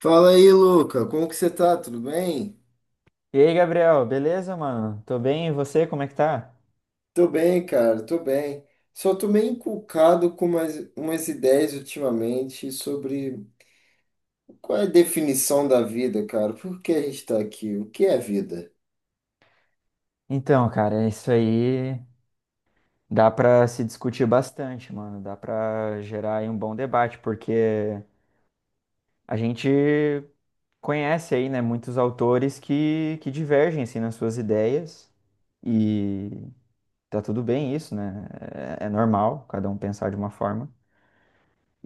Fala aí, Luca. Como que você tá? Tudo bem? E aí, Gabriel, beleza, mano? Tô bem, e você, como é que tá? Tô bem, cara, tô bem. Só tô meio inculcado com umas ideias ultimamente sobre qual é a definição da vida, cara. Por que a gente tá aqui? O que é vida? Então, cara, é isso aí dá pra se discutir bastante, mano. Dá pra gerar aí um bom debate, porque a gente conhece aí, né, muitos autores que divergem, assim, nas suas ideias. E tá tudo bem isso, né? É normal cada um pensar de uma forma.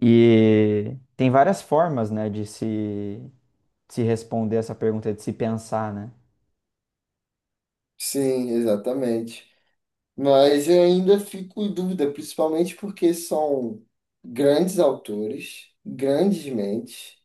E tem várias formas, né, de se responder essa pergunta, de se pensar, né? Sim, exatamente. Mas eu ainda fico em dúvida, principalmente porque são grandes autores, grandes mentes,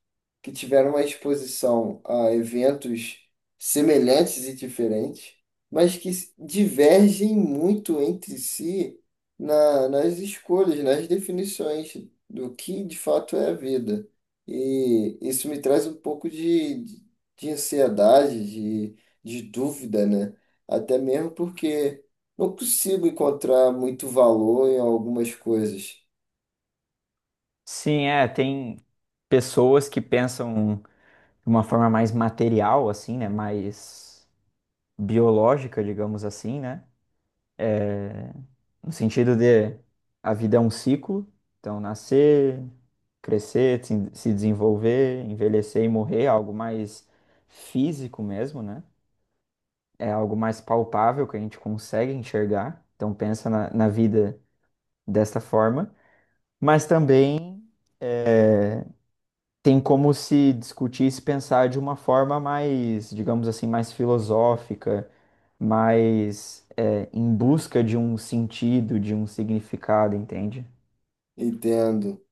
que tiveram uma exposição a eventos semelhantes e diferentes, mas que divergem muito entre si nas escolhas, nas definições do que de fato é a vida. E isso me traz um pouco de ansiedade, de dúvida, né? Até mesmo porque não consigo encontrar muito valor em algumas coisas. Sim, é, tem pessoas que pensam de uma forma mais material, assim, né? Mais biológica, digamos assim, né? No sentido de a vida é um ciclo, então nascer, crescer, se desenvolver, envelhecer e morrer, é algo mais físico mesmo, né? É algo mais palpável que a gente consegue enxergar, então pensa na vida desta forma, mas também tem como se discutir e se pensar de uma forma mais, digamos assim, mais filosófica, mais em busca de um sentido, de um significado, entende? Entendo.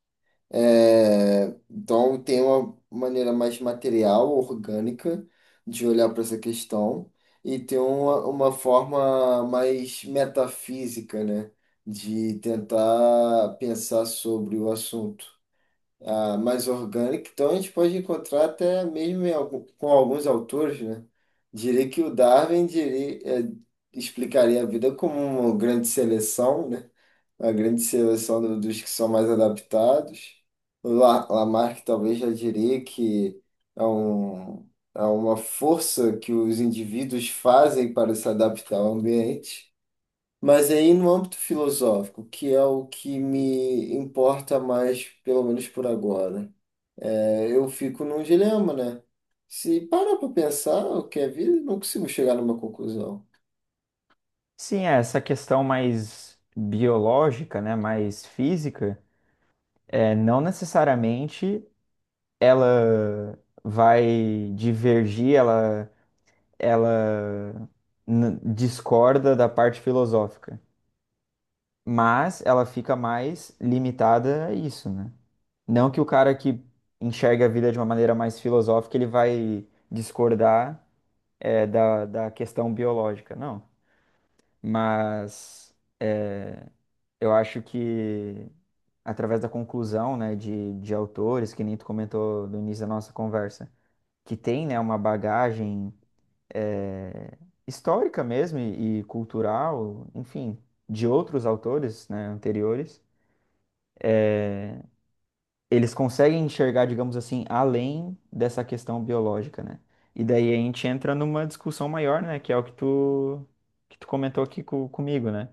É, então, tem uma maneira mais material, orgânica, de olhar para essa questão, e tem uma forma mais metafísica, né, de tentar pensar sobre o assunto. Mais orgânica, então a gente pode encontrar até mesmo em com alguns autores, né? Diria que o Darwin diria, explicaria a vida como uma grande seleção, né? A grande seleção dos que são mais adaptados. O Lamarck talvez já diria que é, um, é uma força que os indivíduos fazem para se adaptar ao ambiente. Mas aí no âmbito filosófico, que é o que me importa mais, pelo menos por agora, né? Eu fico num dilema, né? Se parar para pensar o que é vida, não consigo chegar numa conclusão. Sim, é, essa questão mais biológica, né, mais física, não necessariamente ela vai divergir, ela n- discorda da parte filosófica, mas ela fica mais limitada a isso, né? Não que o cara que enxerga a vida de uma maneira mais filosófica, ele vai discordar, é, da questão biológica, não. Mas é, eu acho que através da conclusão, né, de autores, que nem tu comentou no início da nossa conversa, que tem, né, uma bagagem é, histórica mesmo e cultural, enfim, de outros autores, né, anteriores, eles conseguem enxergar, digamos assim, além dessa questão biológica, né? E daí a gente entra numa discussão maior, né? Que é o que tu comentou aqui co- comigo, né?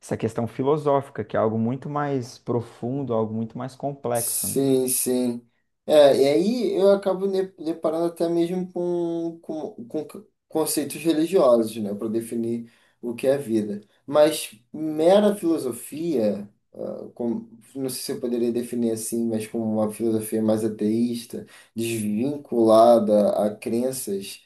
Essa questão filosófica, que é algo muito mais profundo, algo muito mais complexo, né? Sim, sim. É, e aí eu acabo me deparando até mesmo com conceitos religiosos, né, para definir o que é vida. Mas mera filosofia, ah, com- não sei se eu poderia definir assim, mas como uma filosofia mais ateísta, desvinculada a crenças.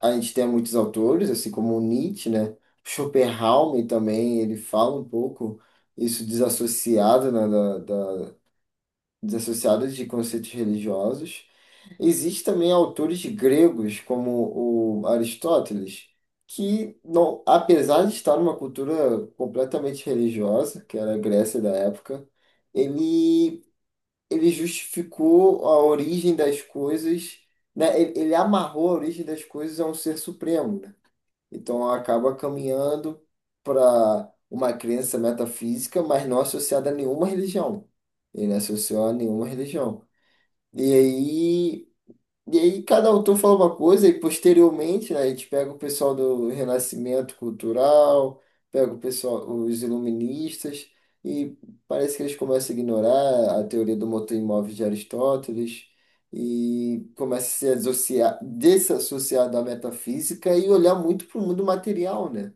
A gente tem muitos autores, assim como o Nietzsche, né? Schopenhauer também, ele fala um pouco isso desassociado, né, desassociado de conceitos religiosos. Existem também autores gregos, como o Aristóteles, que, não, apesar de estar numa cultura completamente religiosa, que era a Grécia da época, ele, ele justificou a origem das coisas, né? Ele amarrou a origem das coisas a um ser supremo, né? Então acaba caminhando para uma crença metafísica, mas não associada a nenhuma religião. Ele associou a nenhuma religião. E aí. E aí cada autor fala uma coisa e posteriormente, né, a gente pega o pessoal do Renascimento Cultural, pega o pessoal, os iluministas, e parece que eles começam a ignorar a teoria do motor imóvel de Aristóteles e começa a se associar, desassociar da metafísica e olhar muito para o mundo material, né?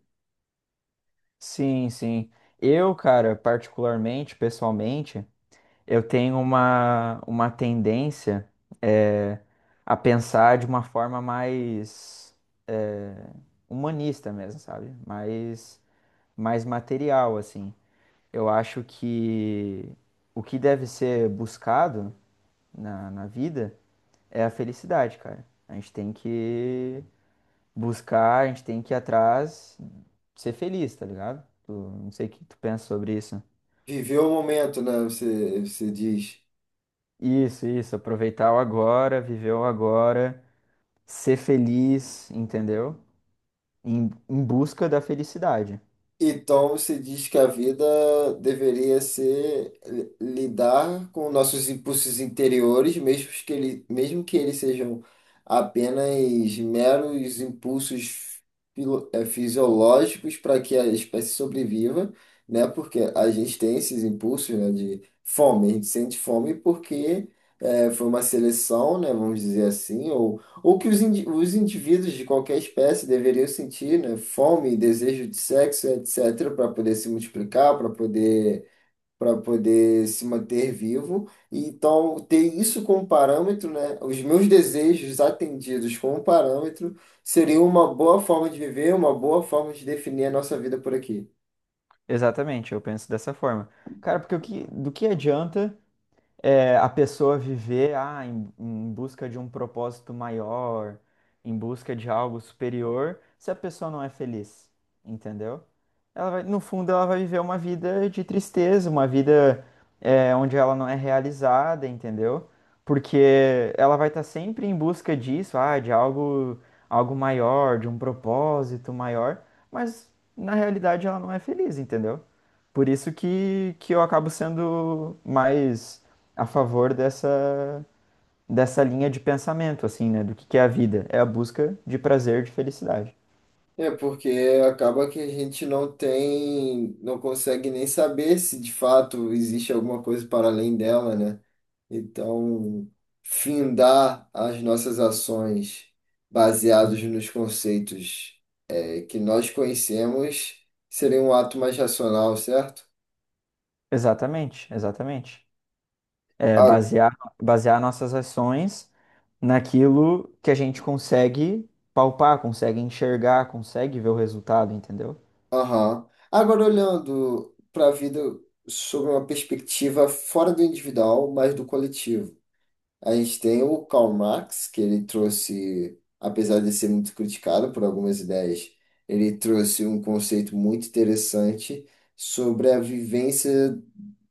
Sim, sim. Eu, cara, particularmente, pessoalmente, eu tenho uma tendência é, a pensar de uma forma mais é, humanista mesmo, sabe? Mais material, assim. Eu acho que o que deve ser buscado na vida é a felicidade, cara. A gente tem que buscar, a gente tem que ir atrás, ser feliz, tá ligado? Tu- não sei o que tu pensa sobre isso. Viver o momento, né? Você diz. Isso, aproveitar o agora, viver o agora, ser feliz, entendeu? Em busca da felicidade. Então você diz que a vida deveria ser lidar com nossos impulsos interiores, mesmo que eles sejam apenas meros impulsos fisiológicos para que a espécie sobreviva, né? Porque a gente tem esses impulsos, né, de fome, a gente sente fome porque foi uma seleção, né, vamos dizer assim, ou que os indivíduos de qualquer espécie deveriam sentir, né? Fome, desejo de sexo, etc., para poder se multiplicar, para poder se manter vivo. E, então, ter isso como parâmetro, né? Os meus desejos atendidos como parâmetro seria uma boa forma de viver, uma boa forma de definir a nossa vida por aqui. Exatamente, eu penso dessa forma. Cara, porque do que adianta é, a pessoa viver ah, em busca de um propósito maior, em busca de algo superior, se a pessoa não é feliz, entendeu? Ela vai, no fundo, ela vai viver uma vida de tristeza, uma vida é, onde ela não é realizada, entendeu? Porque ela vai estar sempre em busca disso, ah, de algo, algo maior, de um propósito maior, mas na realidade ela não é feliz, entendeu? Por isso que eu acabo sendo mais a favor dessa, dessa linha de pensamento, assim, né? Do que é a vida? É a busca de prazer, de felicidade. É porque acaba que a gente não tem, não consegue nem saber se de fato existe alguma coisa para além dela, né? Então, findar as nossas ações baseados nos conceitos que nós conhecemos seria um ato mais racional, certo? Exatamente, exatamente. É Ah, basear, basear nossas ações naquilo que a gente consegue palpar, consegue enxergar, consegue ver o resultado, entendeu? Aham. Agora, olhando para a vida sob uma perspectiva fora do individual, mas do coletivo. A gente tem o Karl Marx, que ele trouxe, apesar de ser muito criticado por algumas ideias, ele trouxe um conceito muito interessante sobre a vivência,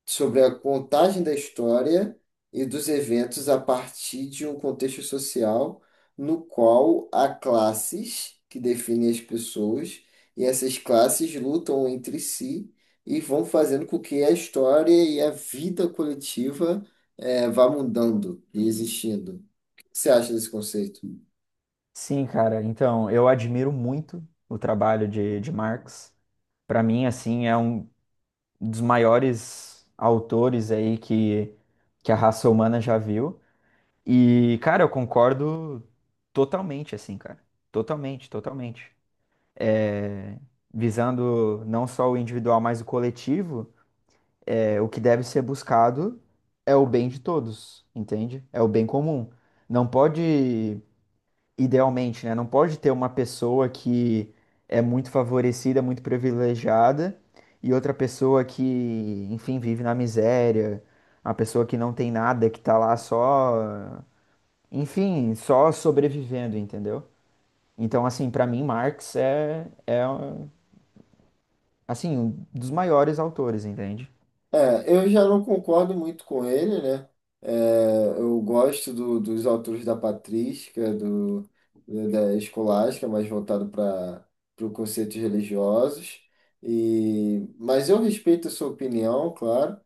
sobre a contagem da história e dos eventos a partir de um contexto social no qual há classes que definem as pessoas e essas classes lutam entre si e vão fazendo com que a história e a vida coletiva, vá mudando e existindo. O que você acha desse conceito? Sim, cara. Então, eu admiro muito o trabalho de Marx. Para mim, assim, é um dos maiores autores aí que a raça humana já viu. E, cara, eu concordo totalmente, assim, cara. Totalmente, totalmente. É, visando não só o individual, mas o coletivo, é, o que deve ser buscado é o bem de todos, entende? É o bem comum. Não pode idealmente, né? Não pode ter uma pessoa que é muito favorecida, muito privilegiada, e outra pessoa que, enfim, vive na miséria, a pessoa que não tem nada, que tá lá só, enfim, só sobrevivendo, entendeu? Então, assim, pra mim, Marx é, assim, um dos maiores autores, entende? É, eu já não concordo muito com ele, né? É, eu gosto dos autores da patrística, da escolástica, mais voltado para os conceitos religiosos. E, mas eu respeito a sua opinião, claro.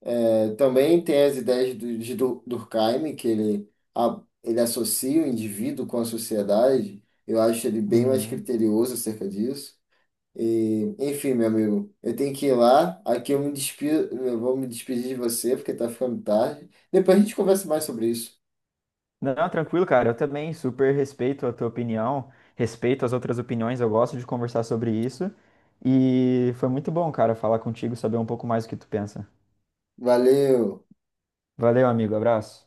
É, também tem as ideias de Durkheim, que ele associa o indivíduo com a sociedade. Eu acho ele bem mais Uhum. criterioso acerca disso. E, enfim, meu amigo, eu tenho que ir lá. Aqui eu vou me despedir de você, porque tá ficando tarde. Depois a gente conversa mais sobre isso. Não, tranquilo, cara. Eu também super respeito a tua opinião, respeito as outras opiniões, eu gosto de conversar sobre isso. E foi muito bom, cara, falar contigo, saber um pouco mais o que tu pensa. Valeu! Valeu, amigo. Abraço.